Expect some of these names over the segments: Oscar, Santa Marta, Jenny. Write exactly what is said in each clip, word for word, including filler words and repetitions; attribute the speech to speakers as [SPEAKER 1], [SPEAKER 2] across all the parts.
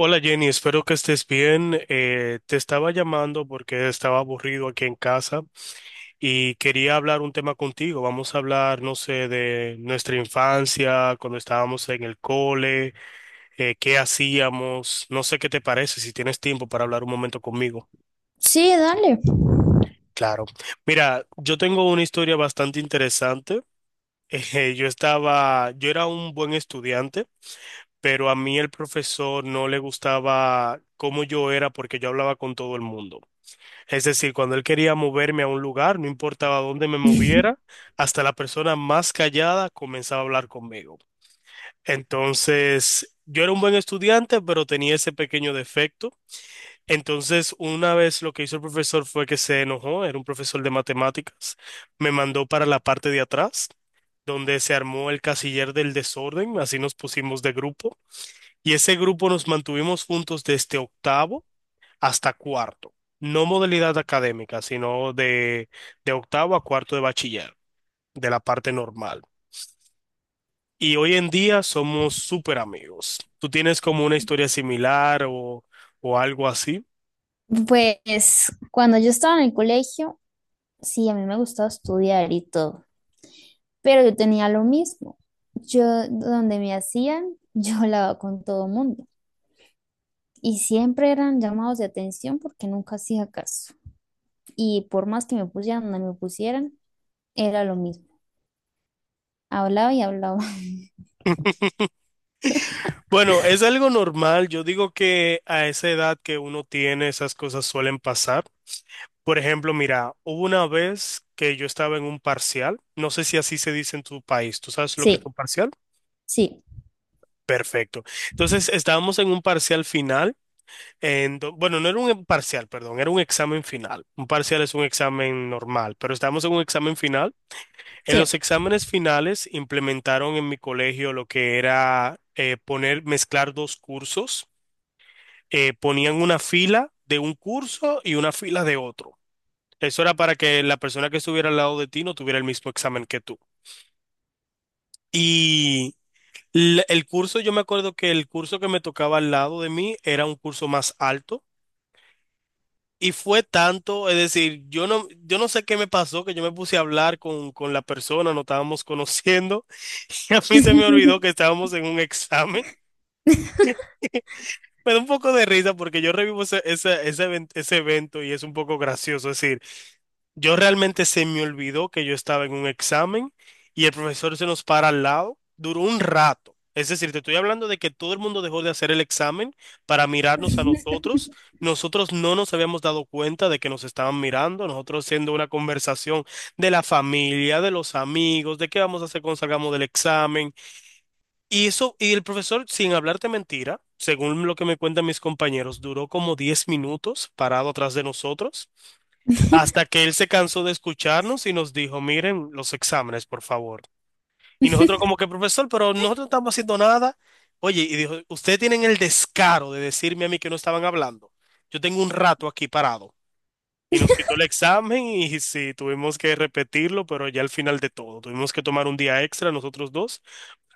[SPEAKER 1] Hola Jenny, espero que estés bien. Eh, te estaba llamando porque estaba aburrido aquí en casa y quería hablar un tema contigo. Vamos a hablar, no sé, de nuestra infancia, cuando estábamos en el cole, eh, qué hacíamos. No sé qué te parece, si tienes tiempo para hablar un momento conmigo.
[SPEAKER 2] Sí, dale.
[SPEAKER 1] Claro. Mira, yo tengo una historia bastante interesante. Eh, yo estaba, yo era un buen estudiante, pero a mí el profesor no le gustaba cómo yo era porque yo hablaba con todo el mundo. Es decir, cuando él quería moverme a un lugar, no importaba dónde me moviera, hasta la persona más callada comenzaba a hablar conmigo. Entonces, yo era un buen estudiante, pero tenía ese pequeño defecto. Entonces, una vez lo que hizo el profesor fue que se enojó, era un profesor de matemáticas, me mandó para la parte de atrás, donde se armó el casiller del desorden, así nos pusimos de grupo, y ese grupo nos mantuvimos juntos desde octavo hasta cuarto. No modalidad académica, sino de, de octavo a cuarto de bachiller, de la parte normal. Y hoy en día somos súper amigos. ¿Tú tienes como una historia similar o, o algo así?
[SPEAKER 2] Pues cuando yo estaba en el colegio, sí, a mí me gustaba estudiar y todo, pero yo tenía lo mismo. Yo, donde me hacían, yo hablaba con todo el mundo y siempre eran llamados de atención porque nunca hacía caso. Y por más que me pusieran donde me pusieran, era lo mismo. Hablaba y hablaba.
[SPEAKER 1] Bueno, es algo normal. Yo digo que a esa edad que uno tiene, esas cosas suelen pasar. Por ejemplo, mira, hubo una vez que yo estaba en un parcial. No sé si así se dice en tu país. ¿Tú sabes lo que es
[SPEAKER 2] Sí,
[SPEAKER 1] un parcial?
[SPEAKER 2] sí,
[SPEAKER 1] Perfecto. Entonces, estábamos en un parcial final. En do- bueno, no era un parcial, perdón, era un examen final. Un parcial es un examen normal, pero estamos en un examen final. En
[SPEAKER 2] sí.
[SPEAKER 1] los exámenes finales implementaron en mi colegio lo que era eh, poner, mezclar dos cursos. Eh, ponían una fila de un curso y una fila de otro. Eso era para que la persona que estuviera al lado de ti no tuviera el mismo examen que tú. Y l- el curso, yo me acuerdo que el curso que me tocaba al lado de mí era un curso más alto. Y fue tanto, es decir, yo no, yo no sé qué me pasó, que yo me puse a hablar con, con la persona, no estábamos conociendo, y a mí se me olvidó que estábamos en un examen. Me da un poco de risa porque yo revivo ese, ese, ese, event- ese evento y es un poco gracioso, es decir. Yo realmente se me olvidó que yo estaba en un examen y el profesor se nos para al lado. Duró un rato. Es decir, te estoy hablando de que todo el mundo dejó de hacer el examen para mirarnos a nosotros. Nosotros no nos habíamos dado cuenta de que nos estaban mirando. Nosotros haciendo una conversación de la familia, de los amigos, de qué vamos a hacer cuando salgamos del examen. Y eso, y el profesor, sin hablarte mentira, según lo que me cuentan mis compañeros, duró como diez minutos parado atrás de nosotros. Hasta que él se cansó de escucharnos y nos dijo, miren los exámenes, por favor. Y nosotros como que, profesor, pero nosotros no estamos haciendo nada. Oye, y dijo, ustedes tienen el descaro de decirme a mí que no estaban hablando. Yo tengo un rato aquí parado. Y nos quitó el examen y sí, tuvimos que repetirlo, pero ya al final de todo, tuvimos que tomar un día extra nosotros dos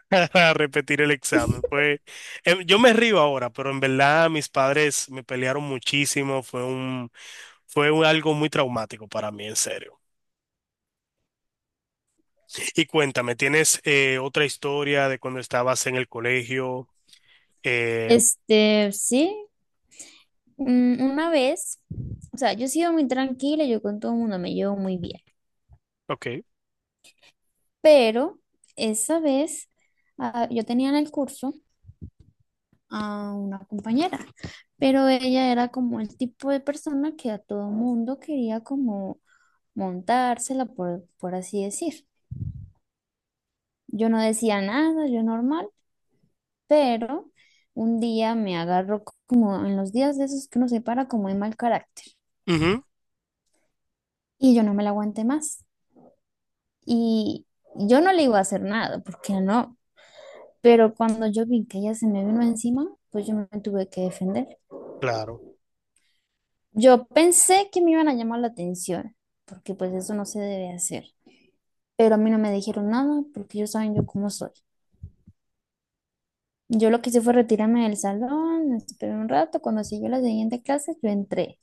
[SPEAKER 1] para repetir el examen. Pues em, yo me río ahora, pero en verdad mis padres me pelearon muchísimo, fue un, fue un- algo muy traumático para mí, en serio. Y cuéntame, ¿tienes eh, otra historia de cuando estabas en el colegio? Eh,
[SPEAKER 2] Este, sí, mm, una vez, o sea, yo he sido muy tranquila, yo con todo el mundo me llevo muy bien.
[SPEAKER 1] ok,
[SPEAKER 2] Pero esa vez ah, yo tenía en el curso a una compañera, pero ella era como el tipo de persona que a todo mundo quería como montársela, por, por así decir. Yo no decía nada, yo normal, pero un día me agarró como en los días de esos que uno se para como de mal carácter
[SPEAKER 1] ujú,
[SPEAKER 2] y yo no me la aguanté más. Y yo no le iba a hacer nada, porque no, pero cuando yo vi que ella se me vino encima, pues yo me tuve que defender.
[SPEAKER 1] claro.
[SPEAKER 2] Yo pensé que me iban a llamar la atención, porque pues eso no se debe hacer. Pero a mí no me dijeron nada, porque ellos saben yo cómo soy. Yo lo que hice fue retirarme del salón, esperé un rato, cuando siguió la siguiente clase, yo entré.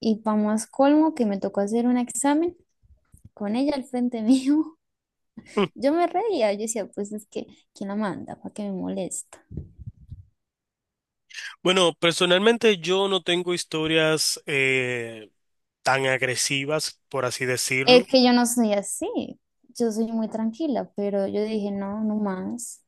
[SPEAKER 2] Y para más colmo que me tocó hacer un examen con ella al frente mío.
[SPEAKER 1] Mm.
[SPEAKER 2] Yo me reía, yo decía, pues es que, ¿quién la manda? ¿Para qué me molesta?
[SPEAKER 1] Bueno, personalmente yo no tengo historias eh, tan agresivas, por así
[SPEAKER 2] Es
[SPEAKER 1] decirlo.
[SPEAKER 2] que yo no soy así, yo soy muy tranquila, pero yo dije, no, no más.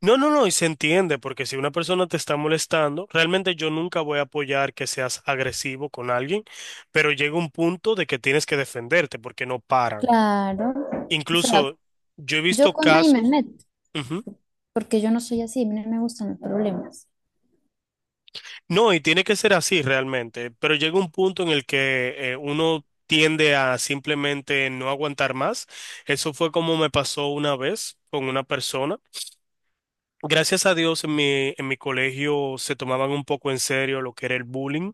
[SPEAKER 1] No, no, no, y se entiende, porque si una persona te está molestando, realmente yo nunca voy a apoyar que seas agresivo con alguien, pero llega un punto de que tienes que defenderte porque no paran.
[SPEAKER 2] Claro, o sea,
[SPEAKER 1] Incluso yo he
[SPEAKER 2] yo
[SPEAKER 1] visto
[SPEAKER 2] con nadie me
[SPEAKER 1] casos.
[SPEAKER 2] meto, porque yo no soy así, a mí no me gustan los problemas.
[SPEAKER 1] No, y tiene que ser así realmente, pero llega un punto en el que eh, uno tiende a simplemente no aguantar más. Eso fue como me pasó una vez con una persona. Gracias a Dios en mi, en mi colegio se tomaban un poco en serio lo que era el bullying.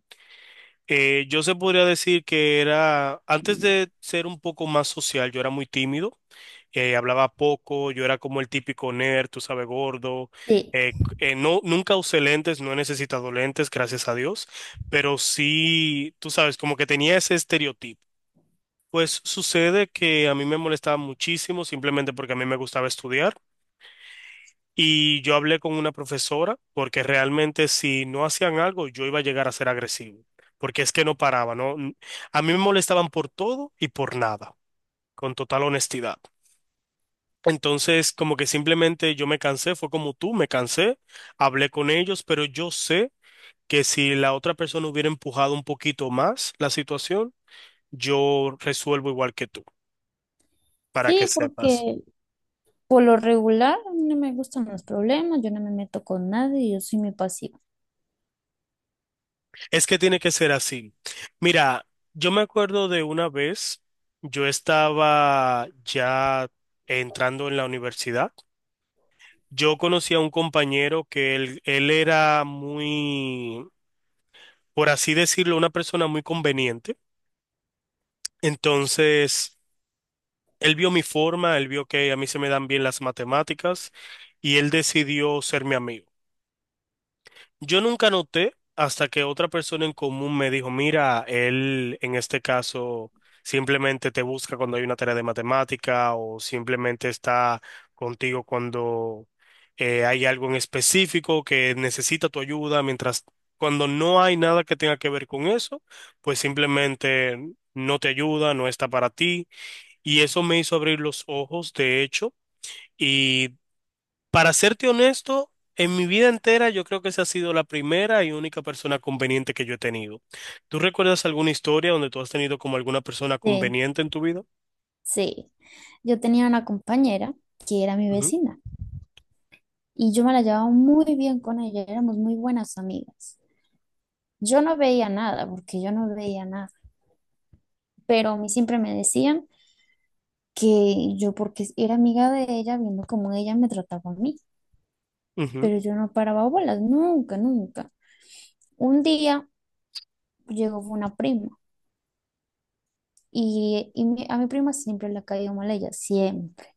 [SPEAKER 1] Eh, yo se podría decir que era, antes de ser un poco más social, yo era muy tímido, eh, hablaba poco, yo era como el típico nerd, tú sabes, gordo,
[SPEAKER 2] Sí,
[SPEAKER 1] eh, c- eh, no, nunca usé lentes, no he necesitado lentes, gracias a Dios, pero sí, tú sabes, como que tenía ese estereotipo. Pues sucede que a mí me molestaba muchísimo simplemente porque a mí me gustaba estudiar. Y yo hablé con una profesora porque realmente si no hacían algo yo iba a llegar a ser agresivo, porque es que no paraba, ¿no? N- A mí me molestaban por todo y por nada, con total honestidad. Entonces, como que simplemente yo me cansé, fue como tú, me cansé, hablé con ellos, pero yo sé que si la otra persona hubiera empujado un poquito más la situación, yo resuelvo igual que tú, para que
[SPEAKER 2] Sí,
[SPEAKER 1] sepas.
[SPEAKER 2] porque por lo regular a mí no me gustan los problemas, yo no me meto con nadie, yo soy muy pasiva.
[SPEAKER 1] Es que tiene que ser así. Mira, yo me acuerdo de una vez, yo estaba ya entrando en la universidad. Yo conocí a un compañero que él, él era muy, por así decirlo, una persona muy conveniente. Entonces, él vio mi forma, él vio que a mí se me dan bien las matemáticas y él decidió ser mi amigo. Yo nunca noté hasta que otra persona en común me dijo, mira, él en este caso simplemente te busca cuando hay una tarea de matemática o simplemente está contigo cuando eh, hay algo en específico que necesita tu ayuda, mientras cuando no hay nada que tenga que ver con eso, pues simplemente no te ayuda, no está para ti. Y eso me hizo abrir los ojos, de hecho. Y para serte honesto, en mi vida entera yo creo que esa ha sido la primera y única persona conveniente que yo he tenido. ¿Tú recuerdas alguna historia donde tú has tenido como alguna persona
[SPEAKER 2] Sí,
[SPEAKER 1] conveniente en tu vida?
[SPEAKER 2] sí. Yo tenía una compañera que era mi
[SPEAKER 1] Ujú,
[SPEAKER 2] vecina y yo me la llevaba muy bien con ella, éramos muy buenas amigas. Yo no veía nada, porque yo no veía nada, pero a mí siempre me decían que yo, porque era amiga de ella, viendo cómo ella me trataba a mí.
[SPEAKER 1] ujú,
[SPEAKER 2] Pero yo no paraba bolas, nunca, nunca. Un día llegó una prima y, y mi- a mi prima siempre le ha caído mal ella, siempre.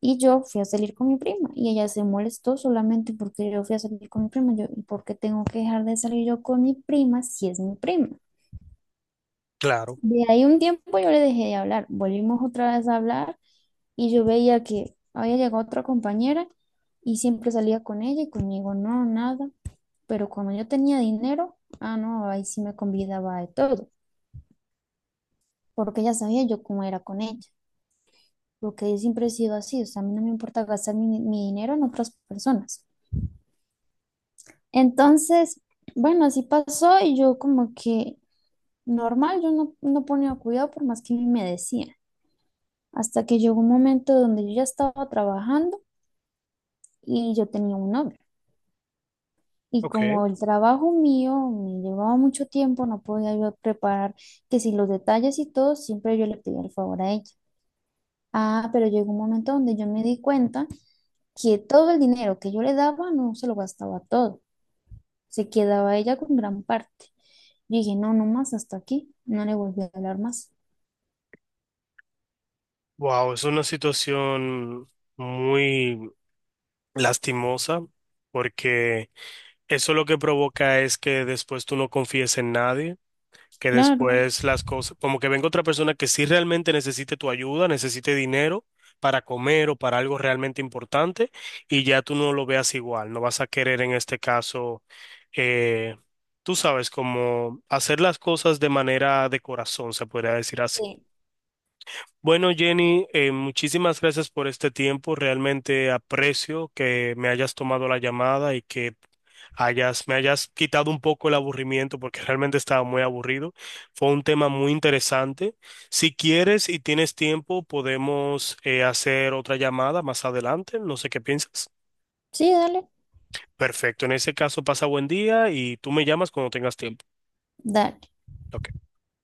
[SPEAKER 2] Y yo fui a salir con mi prima y ella se molestó solamente porque yo fui a salir con mi prima. Yo, ¿y por qué tengo que dejar de salir yo con mi prima si es mi prima?
[SPEAKER 1] claro,
[SPEAKER 2] De ahí un tiempo yo le dejé de hablar, volvimos otra vez a hablar y yo veía que había llegado otra compañera y siempre salía con ella y conmigo no, nada. Pero cuando yo tenía dinero, ah, no, ahí sí me convidaba de todo, porque ya sabía yo cómo era con ella, porque yo siempre he sido así, o sea, a mí no me importa gastar mi, mi dinero en otras personas. Entonces, bueno, así pasó y yo como que normal, yo no, no ponía cuidado por más que me decía, hasta que llegó un momento donde yo ya estaba trabajando y yo tenía un novio. Y
[SPEAKER 1] ok.
[SPEAKER 2] como el trabajo mío me llevaba mucho tiempo, no podía yo preparar que si los detalles y todo, siempre yo le pedía el favor a ella. Ah, pero llegó un momento donde yo me di cuenta que todo el dinero que yo le daba no se lo gastaba todo, se quedaba ella con gran parte. Yo dije, no, no más hasta aquí, no le volví a hablar más.
[SPEAKER 1] Wow, es una situación muy lastimosa porque eso lo que provoca es que después tú no confíes en nadie. Que
[SPEAKER 2] Claro.
[SPEAKER 1] después las cosas, como que venga otra persona que sí realmente necesite tu ayuda, necesite dinero para comer o para algo realmente importante, y ya tú no lo veas igual, no vas a querer en este caso, eh, tú sabes, como hacer las cosas de manera de corazón, se podría decir así.
[SPEAKER 2] Sí,
[SPEAKER 1] Bueno, Jenny, eh, muchísimas gracias por este tiempo. Realmente aprecio que me hayas tomado la llamada y que hayas, me hayas quitado un poco el aburrimiento porque realmente estaba muy aburrido. Fue un tema muy interesante. Si quieres y tienes tiempo, podemos eh, hacer otra llamada más adelante. No sé qué piensas.
[SPEAKER 2] sí, dale,
[SPEAKER 1] Perfecto. En ese caso, pasa buen día y tú me llamas cuando tengas tiempo.
[SPEAKER 2] dale.
[SPEAKER 1] Ok.